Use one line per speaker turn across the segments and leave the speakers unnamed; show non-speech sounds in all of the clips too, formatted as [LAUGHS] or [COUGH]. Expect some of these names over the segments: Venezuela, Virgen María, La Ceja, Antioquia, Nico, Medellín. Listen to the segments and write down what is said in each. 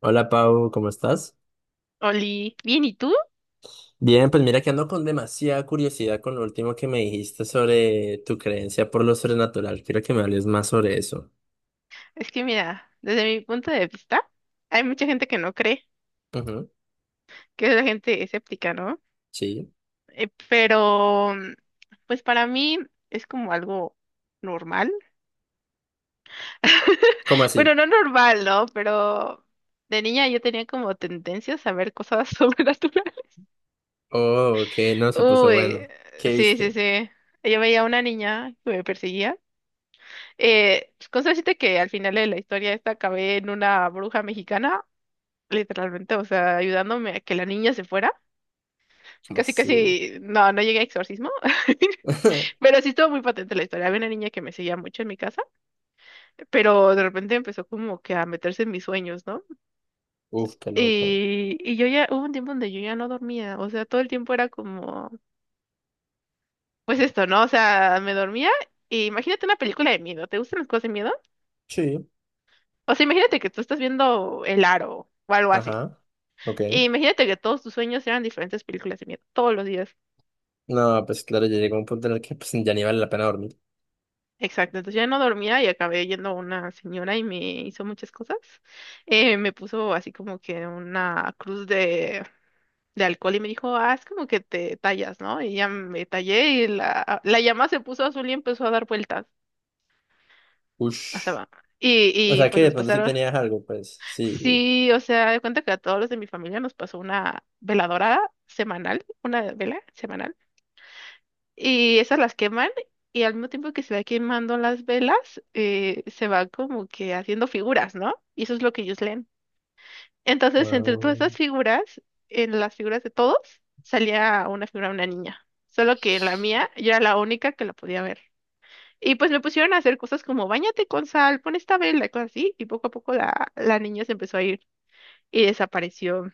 Hola Pau, ¿cómo estás?
Oli, bien, ¿y tú?
Bien, pues mira que ando con demasiada curiosidad con lo último que me dijiste sobre tu creencia por lo sobrenatural. Quiero que me hables más sobre eso.
Es que mira, desde mi punto de vista, hay mucha gente que no cree,
Ujú,
que es la gente escéptica, ¿no?
sí.
Pero, pues para mí es como algo normal. [LAUGHS]
¿Cómo
Bueno,
así?
no normal, ¿no? Pero de niña yo tenía como tendencias a ver cosas [LAUGHS] sobrenaturales.
Oh, que no, se puso bueno.
Uy,
¿Qué
sí, sí,
viste?
sí. Yo veía a una niña que me perseguía. Pues, con suerte que al final de la historia esta acabé en una bruja mexicana. Literalmente, o sea, ayudándome a que la niña se fuera.
¿Cómo
Casi,
así?
casi, no, no llegué a exorcismo, [LAUGHS]
[LAUGHS]
pero sí estuvo muy patente la historia. Había una niña que me seguía mucho en mi casa, pero de repente empezó como que a meterse en mis sueños, ¿no?
Uf, qué loco.
Y yo ya, hubo un tiempo donde yo ya no dormía, o sea, todo el tiempo era como, pues esto, ¿no? O sea, me dormía y imagínate una película de miedo, ¿te gustan las cosas de miedo?
Sí.
O sea, imagínate que tú estás viendo El Aro o algo así.
Ajá. Ok.
Y imagínate que todos tus sueños eran diferentes películas de miedo, todos los días.
No, pues claro, ya llegó un punto en el que pues ya ni vale la pena dormir.
Exacto, entonces ya no dormía y acabé yendo a una señora y me hizo muchas cosas. Me puso así como que una cruz de alcohol y me dijo, ah, es como que te tallas, ¿no? Y ya me tallé y la llama se puso azul y empezó a dar vueltas. O sea,
Ush.
va. y,
O
y
sea que
pues
de
nos
pronto sí
pasaron.
tenías algo, pues sí.
Sí, o sea, de cuenta que a todos los de mi familia nos pasó una veladora semanal, una vela semanal. Y esas las queman y al mismo tiempo que se va quemando las velas, se va como que haciendo figuras, ¿no? Y eso es lo que ellos leen. Entonces, entre todas esas figuras, en las figuras de todos, salía una figura de una niña. Solo que en la mía, yo era la única que la podía ver. Y pues me pusieron a hacer cosas como bañate con sal, pon esta vela y cosas así. Y poco a poco la niña se empezó a ir y desapareció.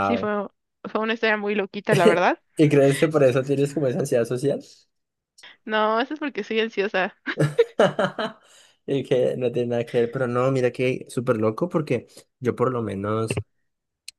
Sí, fue una historia muy loquita, la
[LAUGHS]
verdad.
¿Y crees que por eso tienes como esa ansiedad social?
No, eso es porque soy ansiosa.
[LAUGHS] Y que no tiene nada que ver, pero no, mira que súper loco porque yo por lo menos,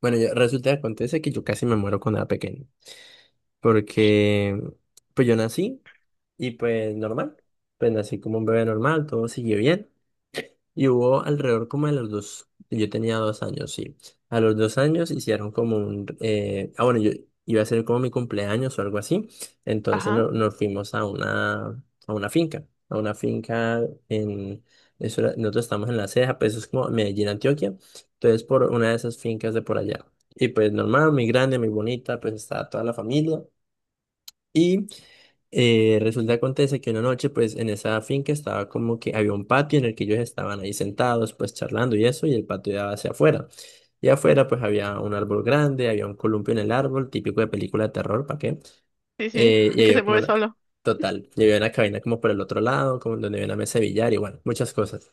bueno, resulta que acontece que yo casi me muero cuando era pequeño, porque pues yo nací y pues normal, pues nací como un bebé normal, todo siguió bien. Y hubo alrededor como de los dos, yo tenía 2 años, sí. A los 2 años hicieron como bueno, yo iba a ser como mi cumpleaños o algo así. Entonces
Ajá,
nos fuimos a a una finca en, nosotros estamos en La Ceja, pues eso es como Medellín, Antioquia. Entonces por una de esas fincas de por allá. Y pues normal, muy grande, muy bonita, pues estaba toda la familia. Resulta acontece que una noche, pues en esa finca estaba como que había un patio en el que ellos estaban ahí sentados, pues charlando y eso, y el patio daba hacia afuera. Y afuera, pues había un árbol grande, había un columpio en el árbol, típico de película de terror, ¿para qué?
sí, sí,
Eh, y
[LAUGHS] que se
había como
mueve
una,
solo.
total, y había una cabina como por el otro lado, como donde había una mesa de billar y bueno, muchas cosas.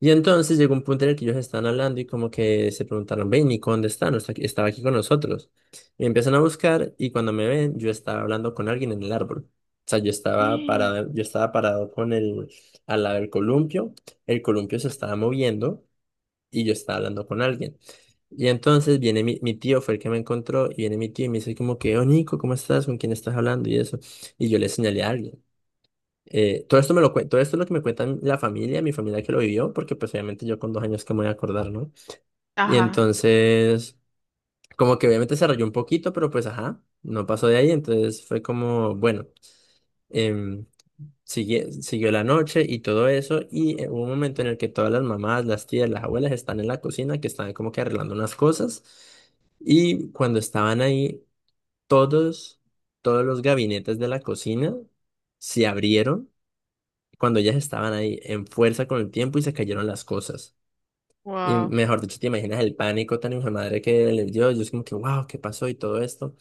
Y entonces llegó un punto en el que ellos estaban hablando y como que se preguntaron, ven, Nico, ¿dónde está? No está estaba aquí con nosotros. Y empiezan a buscar y cuando me ven, yo estaba hablando con alguien en el árbol. O sea,
[GASPS]
yo estaba parado con el, al lado del columpio, el columpio se estaba moviendo y yo estaba hablando con alguien. Y entonces viene mi tío, fue el que me encontró, y viene mi tío y me dice como que, oh, Nico, ¿cómo estás? ¿Con quién estás hablando? Y eso. Y yo le señalé a alguien. Todo esto es lo que me cuentan la familia, mi familia que lo vivió, porque pues obviamente yo con 2 años que me voy a acordar, ¿no? Y
Ajá,
entonces, como que obviamente se rayó un poquito, pero pues ajá, no pasó de ahí, entonces fue como, bueno, em, siguió la noche y todo eso, y hubo un momento en el que todas las mamás, las tías, las abuelas están en la cocina, que están como que arreglando unas cosas, y cuando estaban ahí, todos, todos los gabinetes de la cocina se abrieron cuando ellas estaban ahí en fuerza con el tiempo y se cayeron las cosas. Y
wow.
mejor dicho, te imaginas el pánico tan hijo de madre que les dio. Yo es como que, wow, ¿qué pasó? Y todo esto.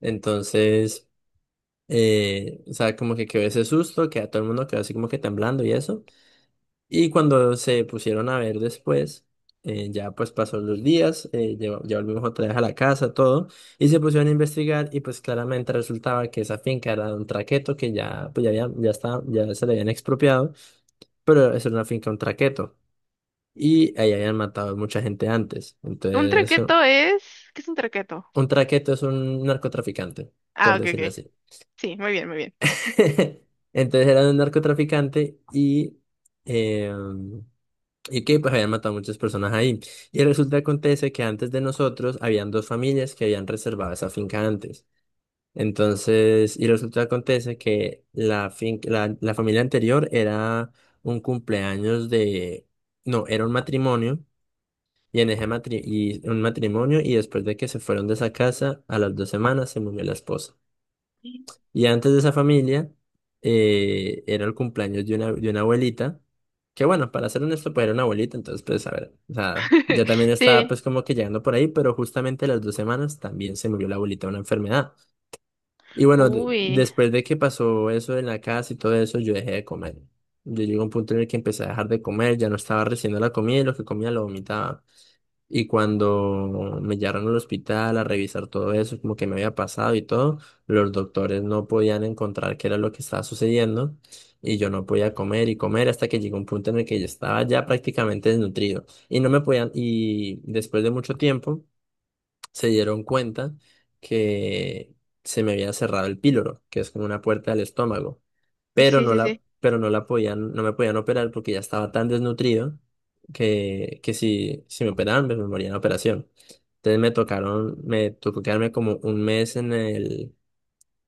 Entonces, o sea, como que quedó ese susto, que a todo el mundo quedó así como que temblando y eso. Y cuando se pusieron a ver después, ya pues pasó los días, ya volvimos otra vez a la casa, todo. Y se pusieron a investigar y pues claramente resultaba que esa finca era de un traqueto que ya, pues ya, había, ya, estaba, ya se le habían expropiado, pero es una finca, un traqueto. Y ahí habían matado mucha gente antes.
¿Un
Entonces, sí,
traqueto es? ¿Qué es un traqueto?
un traqueto es un narcotraficante,
Ah,
por
ok,
decirlo
ok.
así.
Sí, muy bien, muy bien.
[LAUGHS] Entonces era un narcotraficante eh, y que pues habían matado muchas personas ahí. Y resulta que acontece que antes de nosotros habían dos familias que habían reservado esa finca antes. Entonces, y resulta que acontece que la familia anterior era un cumpleaños de, no, era un matrimonio. Y en ese un matrimonio, y después de que se fueron de esa casa, a las 2 semanas se murió la esposa. Y antes de esa familia, era el cumpleaños de de una abuelita, que bueno, para ser honesto, pues era una abuelita, entonces pues a ver, o sea,
[LAUGHS]
ya también estaba
Sí,
pues como que llegando por ahí, pero justamente a las 2 semanas también se murió la abuelita de una enfermedad. Y bueno,
uy.
después de que pasó eso en la casa y todo eso, yo dejé de comer. Yo llegué a un punto en el que empecé a dejar de comer, ya no estaba recibiendo la comida y lo que comía lo vomitaba. Y cuando me llevaron al hospital a revisar todo eso, como que me había pasado y todo, los doctores no podían encontrar qué era lo que estaba sucediendo y yo no podía comer y comer hasta que llegó un punto en el que yo estaba ya prácticamente desnutrido y no me podían, y después de mucho tiempo se dieron cuenta que se me había cerrado el píloro, que es como una puerta del estómago, pero
Sí, sí, sí.
no la podían, no me podían operar porque ya estaba tan desnutrido que si, si me operaban, pues me moría en la operación. Entonces me tocó quedarme como un mes en el,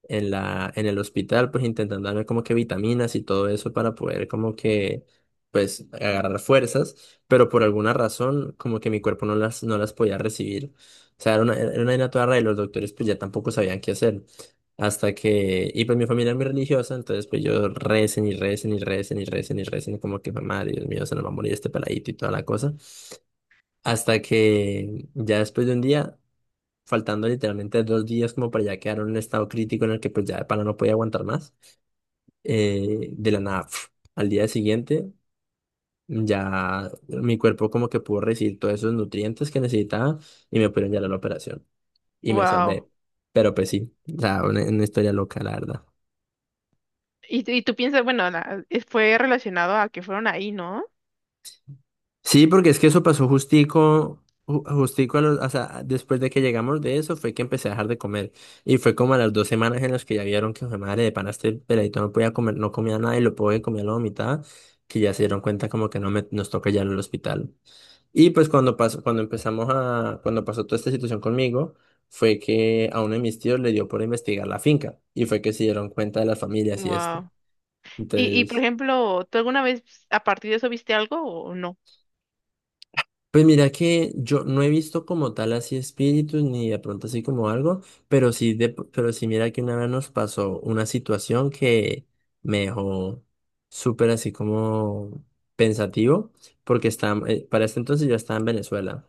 en la, en el hospital, pues intentando darme como que vitaminas y todo eso para poder como que, pues, agarrar fuerzas, pero por alguna razón como que mi cuerpo no las podía recibir. O sea, era era una vaina toda rara y los doctores pues ya tampoco sabían qué hacer. Hasta que, y pues mi familia es muy religiosa, entonces pues yo recen y recen y recen y recen y recen, como que, madre, Dios mío, se nos va a morir este peladito y toda la cosa. Hasta que ya después de un día faltando literalmente 2 días como para ya quedar en un estado crítico en el que pues ya de pana no podía aguantar más. De la nada, pf, al día siguiente ya mi cuerpo como que pudo recibir todos esos nutrientes que necesitaba y me pudieron llevar a la operación y me
Wow.
salvé. Pero pues sí, o sea, una historia loca, la verdad.
Y tú piensas, bueno, fue relacionado a que fueron ahí, ¿no?
Sí, porque es que eso pasó justico, justico a los, o sea, después de que llegamos de eso fue que empecé a dejar de comer. Y fue como a las 2 semanas en las que ya vieron que, "Jue madre, de pana este peladito no podía comer, no comía nada y lo poco que comía lo vomitaba, que ya se dieron cuenta como que no me, nos toca ya ir al hospital. Y pues cuando pasó, cuando pasó toda esta situación conmigo, fue que a uno de mis tíos le dio por investigar la finca. Y fue que se dieron cuenta de las familias y esto.
Wow. Y por
Entonces...
ejemplo, ¿tú alguna vez a partir de eso viste algo o no?
Pues mira que yo no he visto como tal así espíritus ni de pronto así como algo, pero sí mira que una vez nos pasó una situación que me dejó súper así como pensativo, porque para este entonces yo estaba en Venezuela.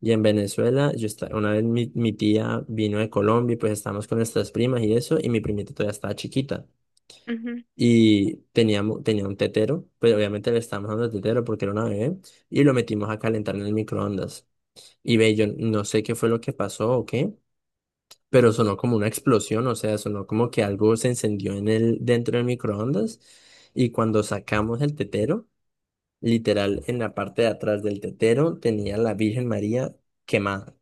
Y en Venezuela, una vez mi tía vino de Colombia y pues estábamos con nuestras primas y eso, y mi primita todavía estaba chiquita.
Ujú.
Y tenía un tetero, pues obviamente le estábamos dando el tetero porque era una bebé, y lo metimos a calentar en el microondas. Y ve, yo no sé qué fue lo que pasó o qué, pero sonó como una explosión, o sea, sonó como que algo se encendió dentro del microondas. Y cuando sacamos el tetero, literal, en la parte de atrás del tetero tenía la Virgen María quemada.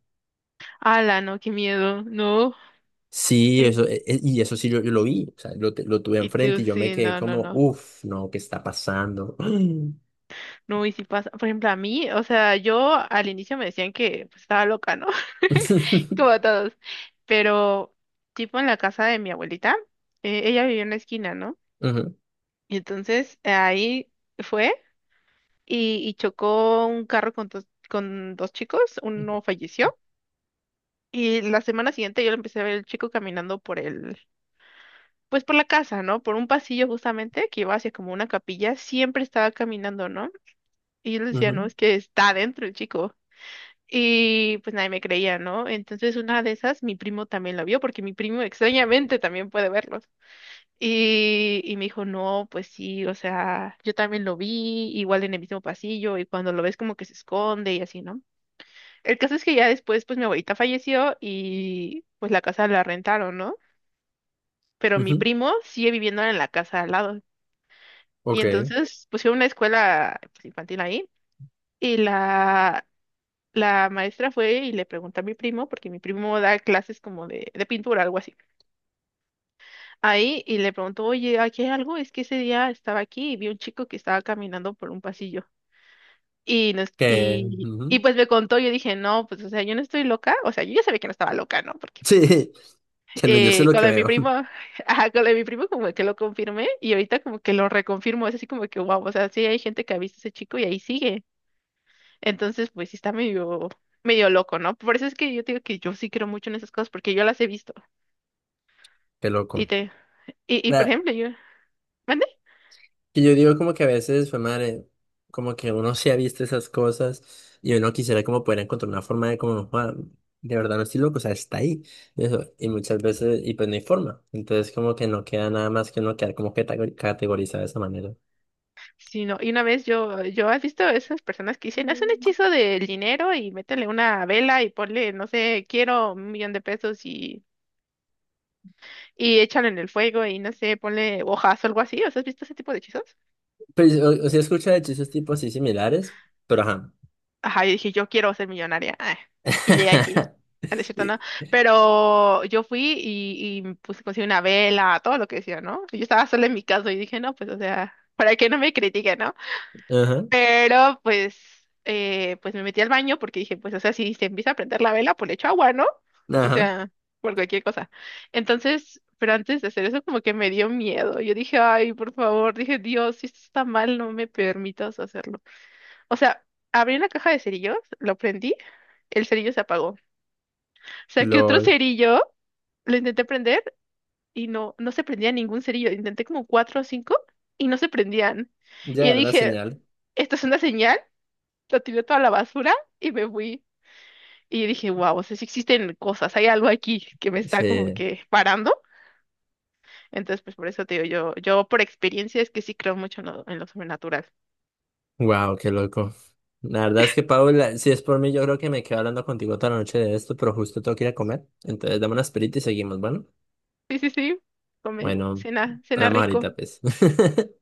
Ala, no, qué miedo, no.
Sí,
Sí.
eso, y eso sí yo, lo vi, o sea, lo tuve
Y
enfrente
tú,
y yo me
sí,
quedé
no, no,
como,
no.
uff, no, ¿qué está pasando? [GASPS]
No, y si pasa, por ejemplo, a mí, o sea, yo al inicio me decían que pues, estaba loca, ¿no? [LAUGHS] Como a todos. Pero, tipo en la casa de mi abuelita, ella vivía en la esquina, ¿no?
Ujú,
Y entonces ahí fue y chocó un carro con dos chicos, uno falleció. Y la semana siguiente yo lo empecé a ver el chico caminando por el, pues por la casa, ¿no? Por un pasillo justamente que iba hacia como una capilla, siempre estaba caminando, ¿no? Y yo le decía, no,
ujú,
es que está adentro el chico. Y pues nadie me creía, ¿no? Entonces una de esas, mi primo también la vio, porque mi primo extrañamente también puede verlos. Y me dijo, no, pues sí, o sea, yo también lo vi, igual en el mismo pasillo, y cuando lo ves como que se esconde y así, ¿no? El caso es que ya después, pues mi abuelita falleció y pues la casa la rentaron, ¿no? Pero mi
ujú.
primo sigue viviendo en la casa al lado. Y
Ok.
entonces pusieron una escuela pues, infantil ahí. Y la, La maestra fue y le preguntó a mi primo, porque mi primo da clases como de, pintura, algo así. Ahí, y le preguntó, oye, ¿aquí hay algo? Es que ese día estaba aquí y vi un chico que estaba caminando por un pasillo. Y, nos,
Que,
y, y
ujú.
pues me contó, yo dije, no, pues, o sea, yo no estoy loca. O sea, yo ya sabía que no estaba loca, ¿no? Porque, pues, no.
Sí, [LAUGHS] que no, yo sé lo
Con
que
lo de mi
veo.
primo,
[LAUGHS]
[LAUGHS] ajá, con lo de mi primo como que lo confirmé y ahorita como que lo reconfirmo. Es así como que, wow, o sea, sí hay gente que ha visto a ese chico y ahí sigue. Entonces, pues sí está medio, medio loco, ¿no? Por eso es que yo te digo que yo sí creo mucho en esas cosas, porque yo las he visto.
Qué
Y
loco.
te, y por ejemplo, yo, ¿mande?
Y yo digo como que a veces, fue madre, como que uno se ha visto esas cosas y uno quisiera como poder encontrar una forma de como, "Joda, de verdad no estoy loco, o sea, está ahí. Y eso, y muchas veces, y pues no hay forma. Entonces como que no queda nada más que uno quedar como que categorizado de esa manera.
Sí, no, y una vez yo, has visto esas personas que dicen, haz un hechizo del dinero y métele una vela y ponle, no sé, quiero un millón de pesos y échalo en el fuego y no sé, ponle hojas o algo así. ¿O sea, has visto ese tipo de hechizos?
Pero o sea, escucha de hechizos tipo así similares, pero ajá.
Ajá, yo dije, yo quiero ser millonaria. Ah, y llegué aquí.
[LAUGHS]
Ah, no. Es cierto,
Y-
¿no? Pero yo fui y me puse, conseguí una vela, todo lo que decía, ¿no? Yo estaba sola en mi casa y dije, no, pues, o sea, para que no me critiquen, ¿no?
Ajá,
Pero, pues me metí al baño porque dije, pues, o sea, si se empieza a prender la vela, pues le echo agua, ¿no? O
ajá,
sea, por cualquier cosa. Entonces, pero antes de hacer eso, como que me dio miedo. Yo dije, ay, por favor, dije, Dios, si esto está mal, no me permitas hacerlo. O sea, abrí la caja de cerillos, lo prendí, el cerillo se apagó. Saqué otro
lol.
cerillo, lo intenté prender y no, no se prendía ningún cerillo. Intenté como cuatro o cinco y no se prendían. Y
Ya
yo
era la
dije,
señal.
esto es una señal, lo tiré toda la basura y me fui. Y yo dije, wow, o sea, sí existen cosas, hay algo aquí que me está como
Sí.
que parando. Entonces, pues por eso te digo, yo por experiencia es que sí creo mucho en lo, sobrenatural.
Wow, qué loco. La verdad es que, Paula, si es por mí, yo creo que me quedo hablando contigo toda la noche de esto, pero justo tengo que ir a comer. Entonces, dame una esperita y seguimos, bueno.
Sí, sí, sí, come,
Bueno,
cena, cena
hablamos
rico.
ahorita, pues. [LAUGHS]